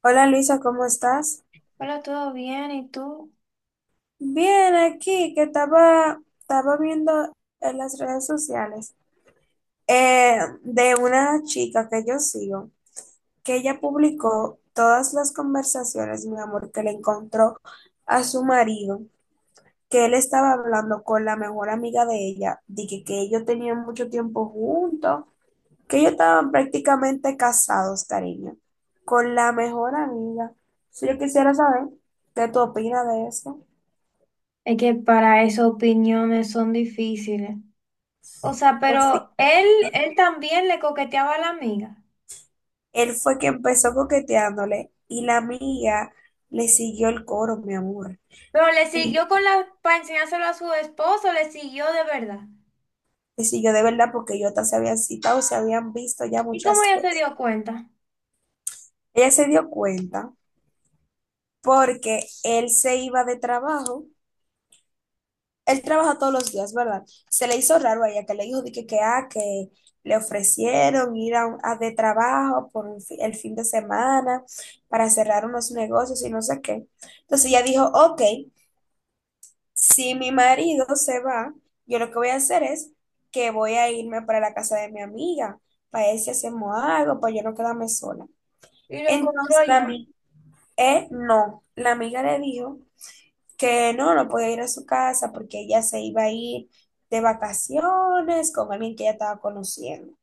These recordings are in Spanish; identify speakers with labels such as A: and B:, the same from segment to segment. A: Hola Luisa, ¿cómo estás?
B: Hola, ¿todo bien? ¿Y tú?
A: Bien, aquí que estaba viendo en las redes sociales de una chica que yo sigo, que ella publicó todas las conversaciones, mi amor, que le encontró a su marido, que él estaba hablando con la mejor amiga de ella, de que ellos tenían mucho tiempo juntos, que ellos estaban prácticamente casados, cariño, con la mejor amiga. Si yo quisiera saber qué tú opinas de eso.
B: Es que para esas opiniones son difíciles. O sea, pero él también le coqueteaba a la amiga.
A: Él fue que empezó coqueteándole y la amiga le siguió el coro, mi amor.
B: Pero le
A: Le
B: siguió con la, para enseñárselo a su esposo, le siguió de verdad.
A: siguió de verdad porque ellos hasta se habían citado, se habían visto ya
B: ¿Y cómo
A: muchas
B: ella se
A: veces.
B: dio cuenta?
A: Ella se dio cuenta porque él se iba de trabajo. Él trabaja todos los días, ¿verdad? Se le hizo raro a ella que le dijo de que le ofrecieron ir a de trabajo por el fin de semana para cerrar unos negocios y no sé qué. Entonces ella dijo, ok, si mi marido se va, yo lo que voy a hacer es que voy a irme para la casa de mi amiga, para ver si hacemos algo, para yo no quedarme sola.
B: Y lo encontró
A: Entonces la
B: ya.
A: amiga, no, la amiga le dijo que no, no podía ir a su casa porque ella se iba a ir de vacaciones con alguien que ella estaba conociendo,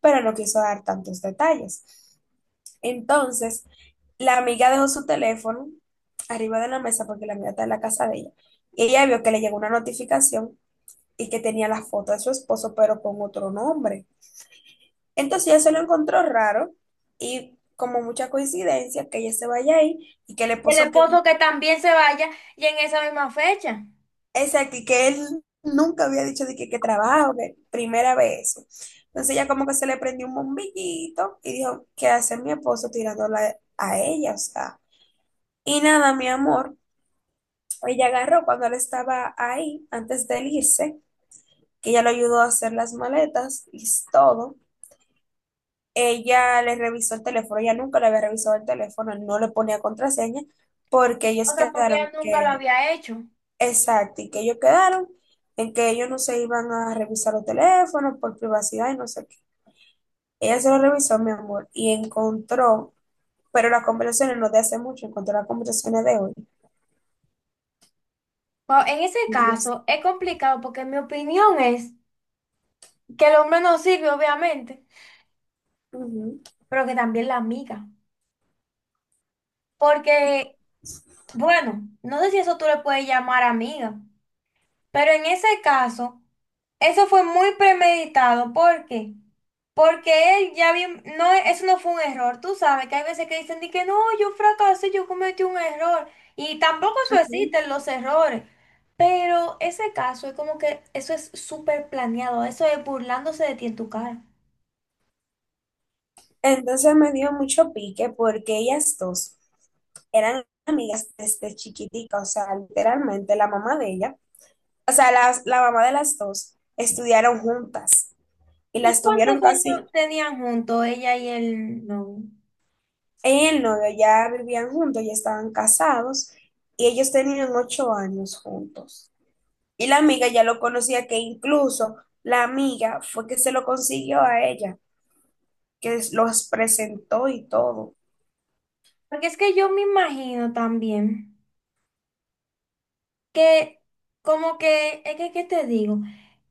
A: pero no quiso dar tantos detalles. Entonces, la amiga dejó su teléfono arriba de la mesa porque la amiga está en la casa de ella. Y ella vio que le llegó una notificación y que tenía la foto de su esposo, pero con otro nombre. Entonces ella se lo encontró raro y como mucha coincidencia que ella se vaya ahí y que el
B: Y el
A: esposo que,
B: esposo que también se vaya y en esa misma fecha.
A: exacto, y que él nunca había dicho de que trabajo, que primera vez eso. Entonces ella como que se le prendió un bombillito y dijo, ¿qué hace mi esposo tirándola a ella? O sea, y nada, mi amor, ella agarró cuando él estaba ahí, antes de él irse, que ella lo ayudó a hacer las maletas y todo. Ella le revisó el teléfono, ella nunca le había revisado el teléfono, no le ponía contraseña, porque
B: O
A: ellos
B: sea, porque
A: quedaron
B: ella
A: en
B: nunca lo
A: que,
B: había hecho.
A: exacto, y que ellos quedaron en que ellos no se iban a revisar los teléfonos por privacidad y no sé qué. Ella se lo revisó, mi amor, y encontró, pero las conversaciones no de hace mucho, encontró las conversaciones de hoy.
B: Pero en ese
A: Y yo,
B: caso es complicado porque mi opinión es que el hombre no sirve, obviamente,
A: ujú,
B: pero que también la amiga. Porque bueno, no sé si eso tú le puedes llamar amiga, pero en ese caso, eso fue muy premeditado. ¿Por qué? Porque él ya bien, no, eso no fue un error. Tú sabes que hay veces que dicen de que no, yo fracasé, yo cometí un error. Y tampoco eso
A: ujú.
B: existen los errores. Pero ese caso es como que eso es súper planeado, eso es burlándose de ti en tu cara.
A: Entonces me dio mucho pique porque ellas dos eran amigas desde chiquitica, o sea, literalmente la mamá de ella. O sea, la mamá de las dos estudiaron juntas y
B: ¿Y
A: las
B: cuántos
A: tuvieron
B: años
A: casi
B: tenían juntos ella y el novio?
A: en el novio, ya vivían juntos, ya estaban casados y ellos tenían 8 años juntos. Y la amiga ya lo conocía, que incluso la amiga fue que se lo consiguió a ella, que los presentó y todo.
B: Porque es que yo me imagino también, que como que, es que, ¿qué te digo?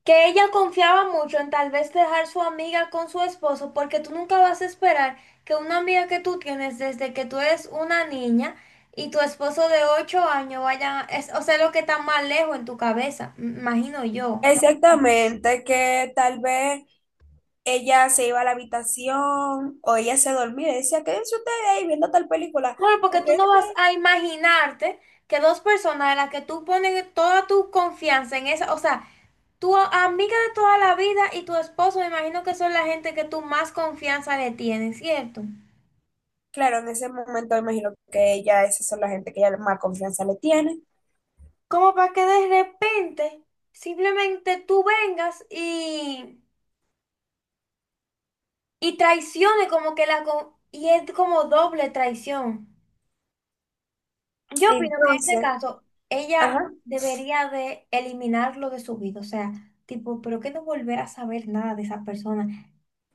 B: Que ella confiaba mucho en tal vez dejar su amiga con su esposo, porque tú nunca vas a esperar que una amiga que tú tienes desde que tú eres una niña y tu esposo de 8 años vaya, es, o sea, lo que está más lejos en tu cabeza, imagino yo.
A: Exactamente, que tal vez ella se iba a la habitación o ella se dormía y decía, quédense ustedes ahí viendo tal película.
B: Claro, porque
A: Ok.
B: tú no vas a imaginarte que dos personas a las que tú pones toda tu confianza en esa, o sea, tu amiga de toda la vida y tu esposo, me imagino que son la gente que tú más confianza le tienes, ¿cierto?
A: Claro, en ese momento imagino que ella, esas son la gente que ella más confianza le tiene.
B: Como para que de repente simplemente tú vengas y traiciones como que y es como doble traición. Yo opino que en este
A: Entonces,
B: caso ella
A: ajá,
B: debería de eliminarlo de su vida. O sea, tipo, pero que no volver a saber nada de esa persona.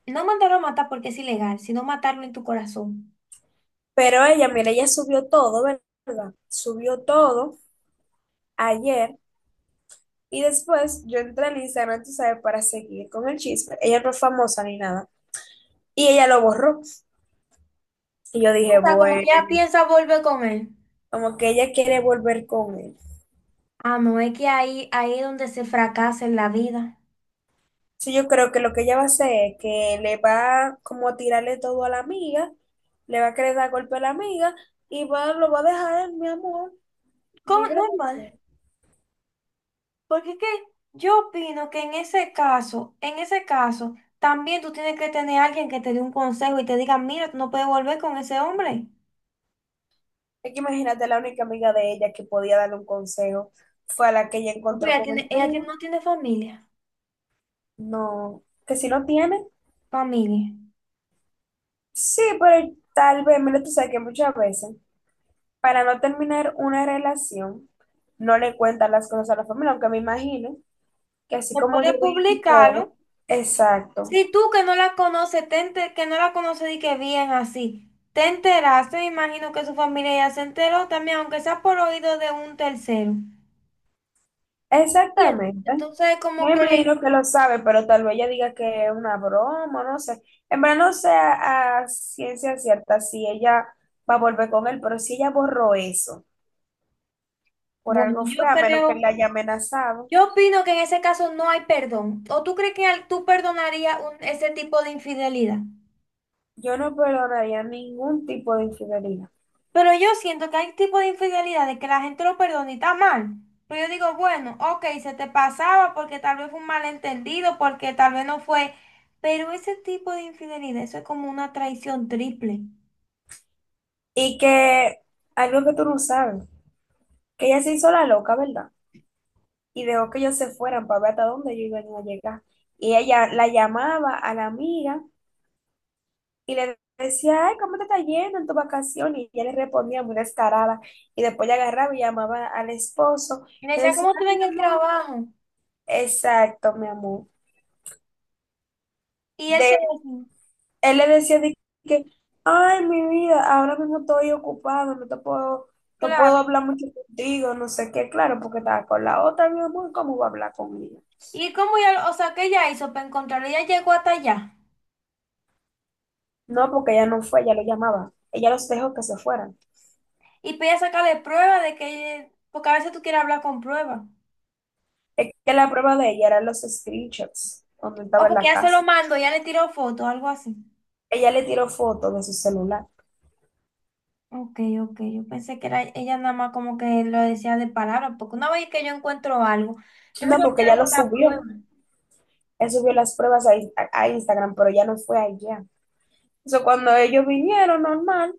B: No mandarlo a matar porque es ilegal, sino matarlo en tu corazón.
A: pero ella, mira, ella subió todo, ¿verdad? Subió todo ayer y después yo entré al Instagram, tú sabes, para seguir con el chisme. Ella no es famosa ni nada. Y ella lo borró. Y yo
B: O
A: dije,
B: sea, como
A: bueno,
B: que ella piensa volver con él.
A: como que ella quiere volver con él.
B: Ah, no, es que ahí es donde se fracasa en la vida.
A: Sí, yo creo que lo que ella va a hacer es que le va como a tirarle todo a la amiga, le va a querer dar golpe a la amiga y va, lo va a dejar, mi amor.
B: ¿Cómo?
A: ¿Libre de qué?
B: Normal. Porque es que yo opino que en ese caso, también tú tienes que tener a alguien que te dé un consejo y te diga, mira, tú no puedes volver con ese hombre.
A: Es que imagínate, la única amiga de ella que podía darle un consejo fue a la que ella
B: Porque
A: encontró con el marido.
B: no tiene familia.
A: No, que si no tiene.
B: Familia.
A: Sí, pero tal vez, mira, tú sabes que muchas veces, para no terminar una relación, no le cuentan las cosas a la familia, aunque me imagino que así
B: Se
A: como yo
B: puede
A: vi y todo,
B: publicarlo.
A: exacto.
B: Si tú que no la conoces, que no la conoces y que bien así, te enteraste, me imagino que su familia ya se enteró también, aunque sea por oído de un tercero. Bien.
A: Exactamente.
B: Entonces, como
A: Me
B: que
A: imagino que lo sabe, pero tal vez ella diga que es una broma, no sé. En verdad no sé a ciencia cierta si ella va a volver con él, pero si ella borró eso, por
B: bueno,
A: algo fue,
B: yo
A: a menos que él
B: creo,
A: la haya amenazado,
B: yo opino que en ese caso no hay perdón. ¿O tú crees que tú perdonarías ese tipo de infidelidad?
A: yo no perdonaría ningún tipo de infidelidad.
B: Pero yo siento que hay tipo de infidelidad de que la gente lo perdona y está mal. Pero yo digo, bueno, ok, se te pasaba porque tal vez fue un malentendido, porque tal vez no fue. Pero ese tipo de infidelidad, eso es como una traición triple.
A: Y que algo que tú no sabes, que ella se hizo la loca, ¿verdad? Y dejó que ellos se fueran para ver hasta dónde ellos iban a llegar. Y ella la llamaba a la amiga. Y le decía, ay, ¿cómo te está yendo en tu vacación? Y ella le respondía muy descarada. Y después le agarraba y llamaba al esposo.
B: Y le
A: Le
B: decía,
A: decía,
B: ¿cómo te va
A: ay, mi
B: en el
A: amor.
B: trabajo?
A: Exacto, mi amor.
B: Y él que
A: De,
B: decía,
A: Él le decía de que, ay, mi vida, ahora mismo estoy ocupado, no te puedo, no puedo
B: claro.
A: hablar mucho contigo, no sé qué, claro, porque estaba con la otra, mi amor, ¿cómo voy a hablar con ella?
B: ¿Y cómo ya, o sea, qué ella hizo para encontrarlo? Ella llegó hasta allá.
A: No, porque ella no fue, ella lo llamaba. Ella los dejó que se fueran.
B: Y pide sacarle prueba de que, porque a veces tú quieres hablar con prueba.
A: Es que la prueba de ella eran los screenshots, donde
B: O
A: estaba en
B: porque
A: la
B: ya se lo
A: casa.
B: mando, ya le tiró foto, algo así.
A: Ella le tiró fotos de su celular.
B: Ok, yo pensé que era ella nada más como que lo decía de palabra, porque una vez que yo encuentro algo, yo me
A: No,
B: lo
A: porque ella
B: quedo
A: lo
B: con la
A: subió.
B: prueba.
A: Él subió las pruebas a, a Instagram, pero ya no fue allá. Eso cuando ellos vinieron normal,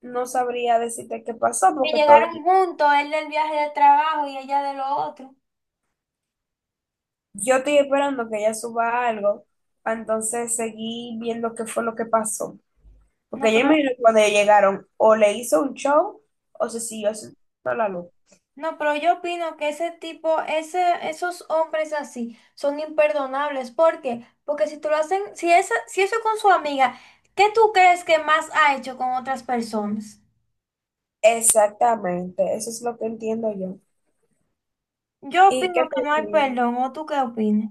A: no sabría decirte qué pasó,
B: Que
A: porque todo.
B: llegaron juntos, él del viaje de trabajo y ella de lo otro.
A: Yo estoy esperando que ella suba algo. Pa' Entonces seguí viendo qué fue lo que pasó.
B: No,
A: Porque yo
B: pero
A: imagino que cuando ellos llegaron, o le hizo un show, o se siguió haciendo la luz.
B: No, pero yo opino que esos hombres así son imperdonables. ¿Por qué? Porque si tú lo hacen, si eso con su amiga, ¿qué tú crees que más ha hecho con otras personas?
A: Exactamente, eso es lo que entiendo yo.
B: Yo
A: ¿Y
B: opino
A: qué
B: que
A: te
B: no hay
A: digo?
B: perdón, ¿o tú qué opinas?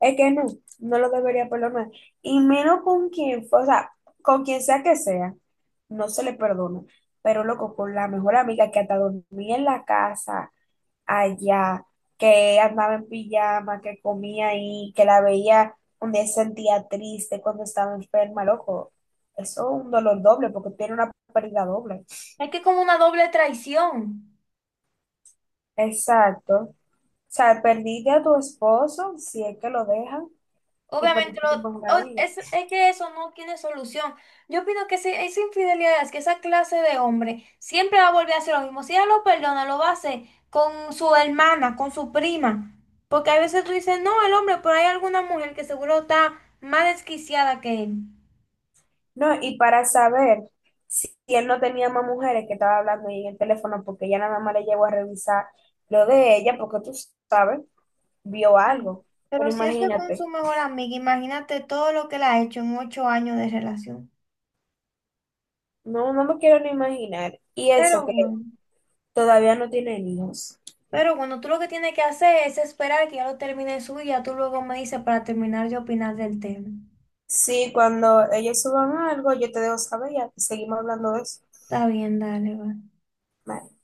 A: Es que no, no lo debería perdonar. Y menos con quien, fue, o sea, con quien sea que sea, no se le perdona. Pero loco, con la mejor amiga que hasta dormía en la casa allá, que andaba en pijama, que comía ahí, que la veía cuando se sentía triste, cuando estaba enferma, loco. Eso es un dolor doble porque tiene una pérdida doble.
B: Es que es como una doble traición.
A: Exacto. O sea, perdiste a tu esposo, si es que lo dejan, y
B: Obviamente,
A: perdiste tu mejor amiga.
B: es que eso no tiene solución. Yo opino que si es infidelidad, es que esa clase de hombre siempre va a volver a hacer lo mismo. Si ella lo perdona, lo va a hacer con su hermana, con su prima. Porque a veces tú dices, no, el hombre, pero hay alguna mujer que seguro está más desquiciada que él.
A: No, y para saber si él no tenía más mujeres que estaba hablando ahí en el teléfono, porque ella nada más le llegó a revisar lo de ella, porque tú sabes, vio
B: Mm.
A: algo. Pero
B: Pero si eso es con su
A: imagínate,
B: mejor amiga, imagínate todo lo que le ha hecho en 8 años de relación.
A: no, no me quiero ni imaginar. Y eso
B: Pero
A: que
B: bueno.
A: todavía no tienen hijos.
B: Pero bueno, tú lo que tienes que hacer es esperar que ya lo termine de y ya tú luego me dices para terminar de opinar del tema.
A: Sí, cuando ellos suban algo, yo te dejo saber y seguimos hablando de eso.
B: Está bien, dale, va.
A: Bye.